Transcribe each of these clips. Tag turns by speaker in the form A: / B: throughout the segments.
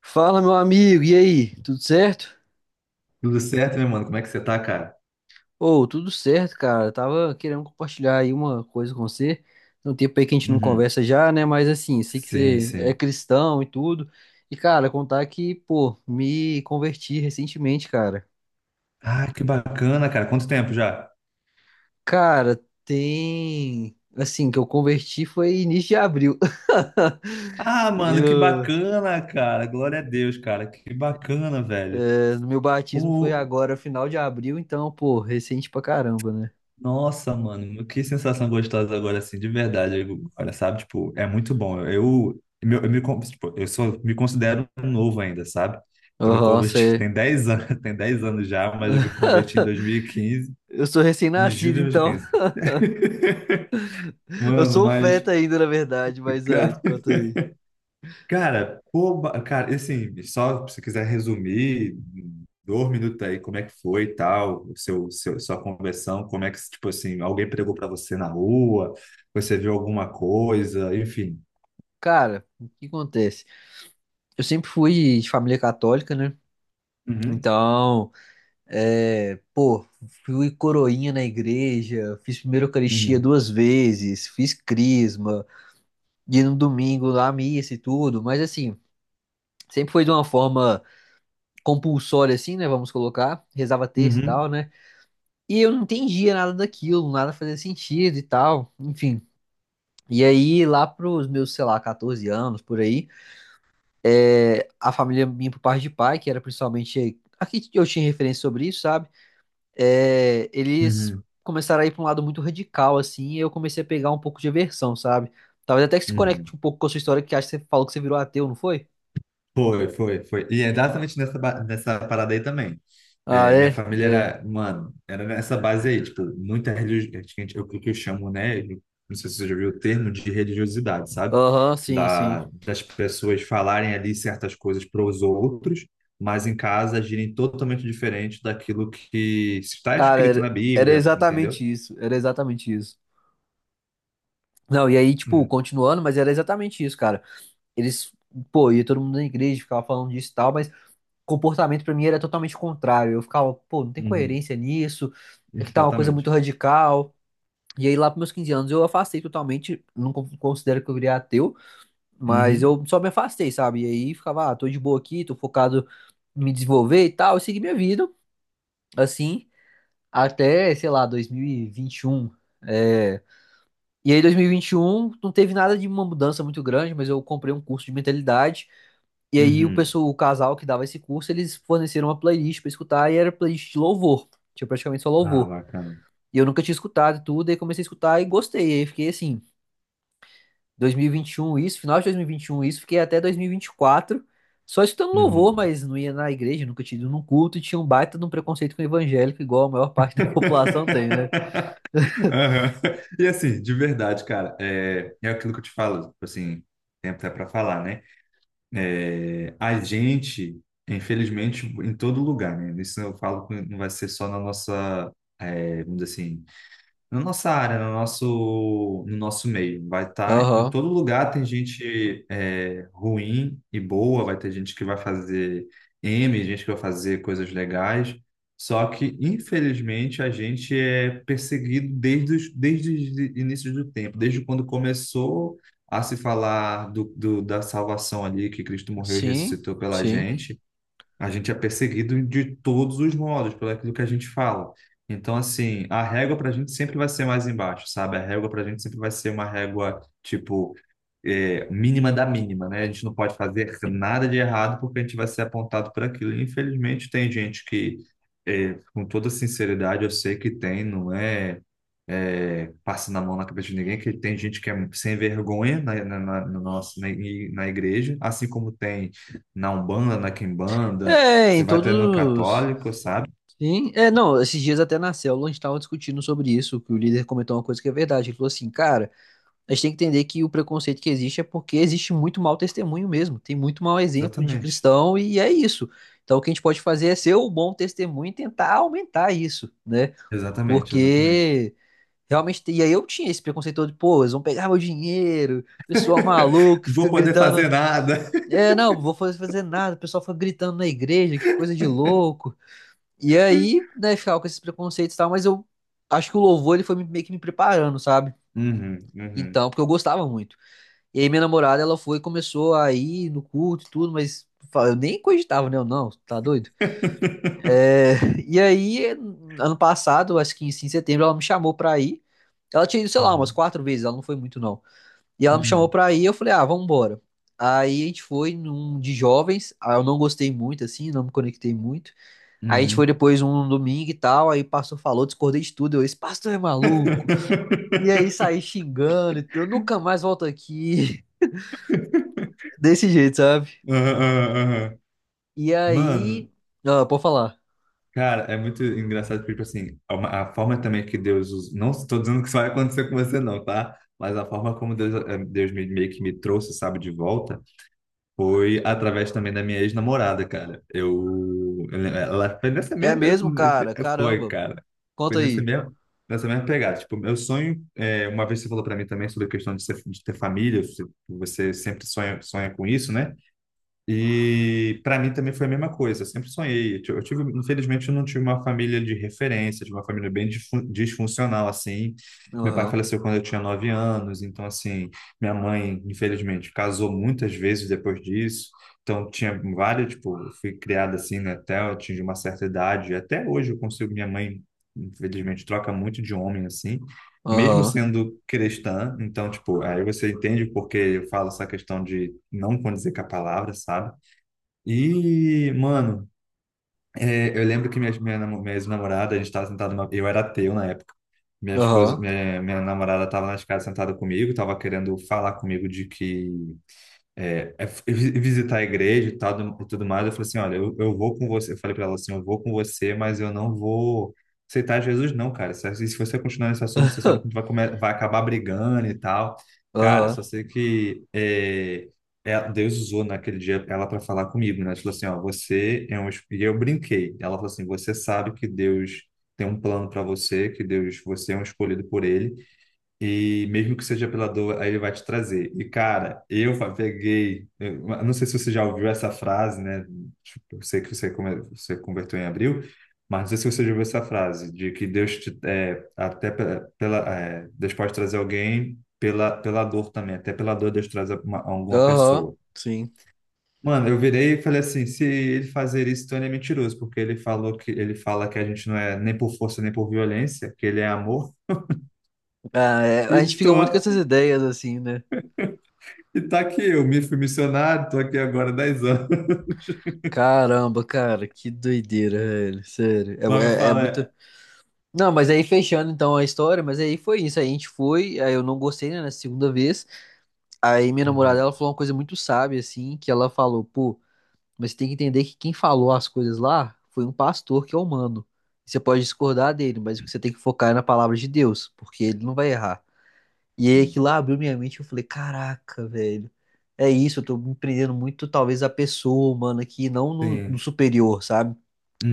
A: Fala, meu amigo, e aí? Tudo certo?
B: Tudo certo, meu mano? Como é que você tá, cara?
A: Ô, tudo certo, cara. Eu tava querendo compartilhar aí uma coisa com você. Tem um tempo aí que a gente não
B: Uhum.
A: conversa já, né? Mas assim, sei que
B: Sim,
A: você é
B: sim.
A: cristão e tudo. E, cara, contar que, pô, me converti recentemente, cara.
B: Ah, que bacana, cara. Quanto tempo já?
A: Cara, tem. Assim, que eu converti foi início de abril.
B: Ah, mano, que
A: Eu...
B: bacana, cara. Glória a Deus, cara. Que bacana, velho.
A: Meu batismo foi
B: Pô,
A: agora, final de abril, então, pô, recente pra caramba, né?
B: nossa, mano. Que sensação gostosa agora, assim, de verdade. Agora, sabe? Tipo, é muito bom. Eu tipo, me considero novo ainda, sabe? Eu me
A: Aham,
B: converti
A: você.
B: tem 10 anos, tem 10 anos já, mas eu me converti em 2015
A: Eu sou
B: em julho
A: recém-nascido,
B: de
A: então.
B: 2015.
A: Eu
B: Mano,
A: sou
B: mas,
A: feta ainda, na verdade, mas ah,
B: cara.
A: conta aí.
B: Cara, pô, cara, assim, só se quiser resumir, dois minutos aí, como é que foi e tal, o sua conversão, como é que, tipo assim, alguém pregou pra você na rua, você viu alguma coisa, enfim.
A: Cara, o que acontece? Eu sempre fui de família católica, né?
B: Uhum,
A: Então, pô, fui coroinha na igreja, fiz primeira Eucaristia
B: uhum,
A: 2 vezes, fiz crisma, ia no domingo lá à missa e tudo, mas assim, sempre foi de uma forma compulsória assim, né, vamos colocar, rezava terça e
B: uhum,
A: tal, né? E eu não entendia nada daquilo, nada fazia sentido e tal, enfim. E aí, lá pros meus, sei lá, 14 anos, por aí, é, a família minha por parte de pai, que era principalmente. Aqui eu tinha referência sobre isso, sabe? É, eles
B: uhum,
A: começaram a ir para um lado muito radical, assim, e eu comecei a pegar um pouco de aversão, sabe? Talvez até que se conecte
B: uhum.
A: um pouco com a sua história, que acho que você falou que você virou ateu, não foi?
B: Foi, foi, foi. E é exatamente nessa, nessa parada aí também.
A: Ah,
B: É, minha
A: é?
B: família
A: É.
B: era, mano, era nessa base aí, tipo, muita religiosidade, é o que que eu chamo, né? Não sei se você já viu o termo de religiosidade, sabe?
A: Aham, sim,
B: Da,
A: sim.
B: das pessoas falarem ali certas coisas para os outros, mas em casa agirem totalmente diferente daquilo que está
A: Cara,
B: escrito na
A: era, era
B: Bíblia, entendeu?
A: exatamente isso. Era exatamente isso. Não, e aí, tipo,
B: Hum,
A: continuando, mas era exatamente isso, cara. Eles, pô, ia todo mundo na igreja, ficava falando disso e tal, mas comportamento pra mim era totalmente contrário. Eu ficava, pô, não tem
B: uhum,
A: coerência nisso, é que tá uma coisa muito
B: exatamente.
A: radical. E aí lá pros meus 15 anos eu afastei totalmente, não con- considero que eu virei ateu, mas
B: Uhum,
A: eu só me afastei, sabe? E aí ficava, ah, tô de boa aqui, tô focado em me desenvolver e tal, e segui minha vida, assim, até, sei lá, 2021. É... E aí 2021 não teve nada de uma mudança muito grande, mas eu comprei um curso de mentalidade. E aí o
B: uhum.
A: pessoal, o casal que dava esse curso, eles forneceram uma playlist pra escutar e era playlist de louvor. Tinha praticamente só
B: Ah,
A: louvor.
B: bacana.
A: E eu nunca tinha escutado e tudo, aí comecei a escutar e gostei. Aí fiquei assim, 2021 isso, final de 2021 isso, fiquei até 2024 só escutando louvor,
B: Uhum.
A: mas não ia na igreja, nunca tinha ido num culto e tinha um baita de um preconceito com o evangélico, igual a maior parte da população tem, né?
B: Aham. E assim, de verdade, cara, é aquilo que eu te falo, tipo assim, tem até para falar, né? É, a gente, infelizmente, em todo lugar, né? Isso eu falo que não vai ser só na nossa, vamos dizer assim, na nossa área, no nosso meio. Vai estar em
A: Aham,
B: todo lugar, tem gente ruim e boa, vai ter gente que vai fazer gente que vai fazer coisas legais. Só que, infelizmente, a gente é perseguido desde os inícios do tempo, desde quando começou a se falar da salvação ali, que Cristo morreu e
A: sim,
B: ressuscitou pela
A: sim.
B: gente. A gente é perseguido de todos os modos, pelo aquilo que a gente fala. Então, assim, a régua para a gente sempre vai ser mais embaixo, sabe? A régua para a gente sempre vai ser uma régua, tipo, mínima da mínima, né? A gente não pode fazer nada de errado porque a gente vai ser apontado por aquilo. E, infelizmente, tem gente que, com toda sinceridade, eu sei que tem, não é? Passando a mão na cabeça de ninguém, que tem gente que é sem vergonha na, na, na, no nosso- na, i- na igreja, assim como tem na Umbanda, na Quimbanda,
A: É,
B: você
A: em
B: vai até no
A: todos.
B: católico, sabe?
A: Sim, é, não, esses dias até na célula a gente estava discutindo sobre isso, que o líder comentou uma coisa que é verdade, ele falou assim, cara, a gente tem que entender que o preconceito que existe é porque existe muito mau testemunho mesmo, tem muito mau exemplo de
B: Exatamente,
A: cristão e é isso. Então o que a gente pode fazer é ser o bom testemunho e tentar aumentar isso, né?
B: exatamente, exatamente.
A: Porque realmente, e aí eu tinha esse preconceito todo de, pô, eles vão pegar meu dinheiro, pessoal maluco, que fica
B: Vou poder
A: gritando,
B: fazer nada.
A: é, não, vou fazer nada, o pessoal fica gritando na igreja, que coisa de louco. E aí, né, ficava com esses preconceitos e tal, mas eu acho que o louvor ele foi meio que me preparando, sabe?
B: Uhum, uhum,
A: Então, porque eu gostava muito. E aí minha namorada, ela foi e começou a ir no culto e tudo, mas eu nem cogitava, né? Eu, não, tá doido? É, E aí, ano passado, acho que em setembro, ela me chamou pra ir. Ela tinha ido, sei lá, umas
B: uhum,
A: quatro vezes, ela não foi muito, não. E ela me chamou
B: uhum,
A: pra ir, eu falei, ah, vamos embora. Aí a gente foi num de jovens, ah, eu não gostei muito, assim, não me conectei muito. Aí a gente foi
B: uhum.
A: depois um domingo e tal, aí o pastor falou, discordei de tudo, eu disse, pastor é maluco. E aí saí xingando, e eu nunca mais volto aqui, desse jeito, sabe?
B: Aham, aham, aham.
A: E
B: Mano,
A: aí, ah, pode falar.
B: cara, é muito engraçado, porque, tipo assim, a forma também que Deus usa, não estou dizendo que isso vai acontecer com você, não, tá? Mas a forma como Deus me, meio que me trouxe, sabe, de volta, foi através também da minha ex-namorada, cara. Ela foi nessa
A: É
B: mesma,
A: mesmo, cara?
B: foi,
A: Caramba.
B: cara, foi
A: Conta
B: nessa
A: aí.
B: mesma, nessa mesma pegada. Tipo, meu sonho, uma vez você falou para mim também sobre a questão de ter família, você sempre sonha, sonha com isso, né? E para mim também foi a mesma coisa. Eu sempre sonhei. Eu tive, infelizmente, eu não tive uma família de referência, de uma família bem disfuncional assim. Meu pai
A: Aham,
B: faleceu quando eu tinha 9 anos, então assim, minha mãe, infelizmente, casou muitas vezes depois disso. Então tinha várias, tipo, eu fui criada assim, né, até eu atingir uma certa idade. E até hoje eu consigo, minha mãe, infelizmente, troca muito de homem assim, mesmo
A: aham,
B: sendo cristã. Então, tipo, aí você entende porque eu falo essa questão de não condizer com a palavra, sabe? E, mano, eu lembro que minha ex-namorada, a gente tava sentado, eu era ateu na época. Minha esposa,
A: aham,
B: minha, minha namorada tava na escada sentada comigo, tava querendo falar comigo de que visitar a igreja e tal, e tudo mais. Eu falei assim, olha, eu vou com você. Eu falei para ela assim, eu vou com você, mas eu não vou aceitar Jesus não, cara. Se você continuar nesse assunto, você sabe que a gente vai acabar brigando e tal. Cara,
A: aham,
B: só sei que Deus usou naquele dia ela para falar comigo, né? Ela falou assim, ó, você é um... es- E eu brinquei. Ela falou assim, você sabe que Deus tem um plano para você, você é um escolhido por ele. E mesmo que seja pela dor, aí ele vai te trazer. E, cara, eu peguei. Eu não sei se você já ouviu essa frase, né? Tipo, eu sei que você converteu em abril, mas não sei se você já ouviu essa frase, de que Deus te. É, até pela, Deus pode trazer alguém pela dor também. Até pela dor, Deus traz alguma
A: aham,
B: pessoa.
A: sim.
B: Mano, eu virei e falei assim: se ele fazer isso, então ele é mentiroso, porque ele falou que ele fala que a gente não é nem por força nem por violência, que ele é amor.
A: Ah, é, a
B: E
A: gente fica muito com
B: tô
A: essas ideias assim, né?
B: E tá aqui, eu me fui missionário, tô aqui agora há 10 anos.
A: Caramba, cara, que doideira, velho, sério.
B: Mas eu
A: É, é, é
B: falo,
A: muito.
B: é.
A: Não, mas aí fechando então a história, mas aí foi isso. Aí a gente foi, aí eu não gostei, né, na segunda vez. Aí minha namorada,
B: Uhum,
A: ela falou uma coisa muito sábia, assim, que ela falou, pô, mas você tem que entender que quem falou as coisas lá foi um pastor que é humano. Você pode discordar dele, mas o que você tem que focar é na palavra de Deus, porque ele não vai errar. E aí
B: uhum,
A: aquilo lá abriu minha mente, eu falei, caraca, velho, é isso, eu tô me prendendo muito, talvez, a pessoa humana aqui, não no
B: sim.
A: superior, sabe?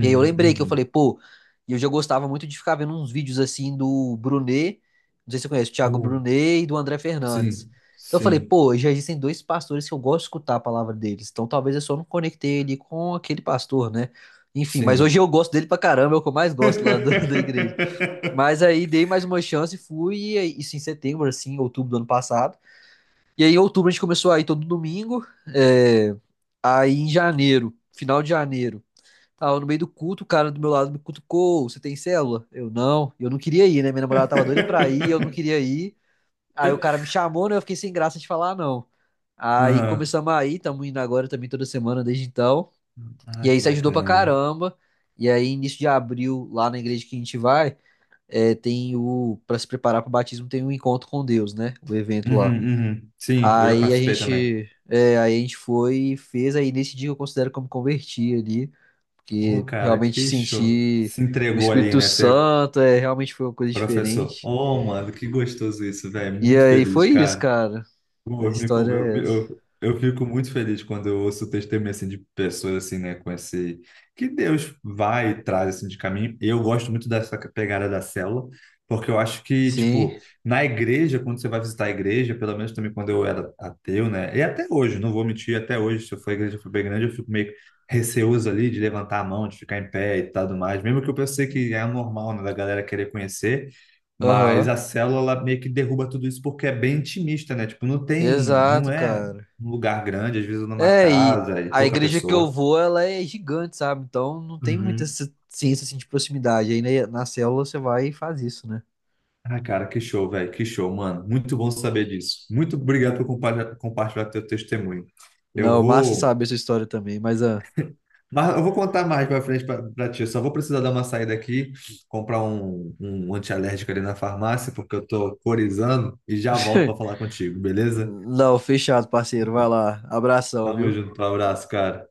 A: E aí eu lembrei que eu falei,
B: uhum.
A: pô, e eu já gostava muito de ficar vendo uns vídeos assim do Brunet, não sei se você conhece, o Thiago
B: Oh,
A: Brunet e do André Fernandes.
B: sim,
A: Então eu falei,
B: sim,
A: pô, já existem 2 pastores que eu gosto de escutar a palavra deles, então talvez eu só não conectei ele com aquele pastor, né? Enfim, mas
B: sim.
A: hoje eu gosto dele pra caramba, é o que eu mais gosto lá da igreja. Mas aí dei mais uma chance, e fui, isso em setembro, assim, outubro do ano passado. E aí em outubro a gente começou a ir todo domingo, é, aí em janeiro, final de janeiro. Tava no meio do culto, o cara do meu lado me cutucou. Você tem célula? Eu não. Eu não queria ir, né? Minha namorada tava doida pra ir, eu não queria ir. Aí o cara me chamou, né? Eu fiquei sem graça de falar, "Ah, não. Aí
B: Aham.
A: começamos a ir, estamos indo agora também toda semana desde então. E
B: Ai,
A: aí
B: que
A: isso ajudou pra
B: bacana, velho.
A: caramba. E aí, início de abril, lá na igreja que a gente vai, é, tem o. Pra se preparar pro batismo, tem um encontro com Deus, né? O evento lá.
B: Uhum, uhum. Sim, eu já
A: Aí a
B: participei também.
A: gente. É, aí a gente foi e fez. Aí nesse dia eu considero que eu me converti ali,
B: Ô,
A: que
B: cara,
A: realmente
B: que show.
A: senti
B: Se
A: o
B: entregou ali,
A: Espírito
B: né? Ser
A: Santo, é, realmente foi uma coisa
B: professor.
A: diferente.
B: Ô, mano, que gostoso isso, velho.
A: E
B: Muito
A: aí
B: feliz,
A: foi isso,
B: cara.
A: cara.
B: Pô,
A: A
B: Eu, me
A: história
B: eu,
A: é essa.
B: eu, eu fico muito feliz quando eu ouço o testemunho assim, de pessoas assim, né, com esse que Deus vai e traz assim, de caminho. Eu gosto muito dessa pegada da célula, porque eu acho que,
A: Sim,
B: tipo, na igreja, quando você vai visitar a igreja, pelo menos também quando eu era ateu, né, e até hoje, não vou mentir, até hoje, se eu for à igreja for bem grande, eu fico meio receoso ali de levantar a mão, de ficar em pé e tal do mais, mesmo que eu pensei que é normal, né, da galera querer conhecer. Mas
A: aham.
B: a célula ela meio que derruba tudo isso porque é bem intimista, né? Tipo, não tem, não
A: Exato,
B: é
A: cara.
B: um lugar grande, às vezes numa
A: É, e
B: casa e
A: a
B: pouca
A: igreja que eu
B: pessoa.
A: vou, ela é gigante, sabe? Então não tem muita
B: Uhum.
A: essa ciência assim, de proximidade. Aí né, na célula você vai e faz isso, né?
B: Ah, cara, que show, velho, que show, mano. Muito bom saber disso. Muito obrigado por compartilhar teu testemunho. Eu
A: Não, massa
B: vou,
A: saber essa história também, mas ah,
B: mas eu vou contar mais pra frente pra pra ti. Eu só vou precisar dar uma saída aqui, comprar um antialérgico ali na farmácia, porque eu tô corizando e já volto pra falar contigo, beleza?
A: não, fechado, parceiro. Vai lá. Abração,
B: Tamo
A: viu?
B: junto, um abraço, cara.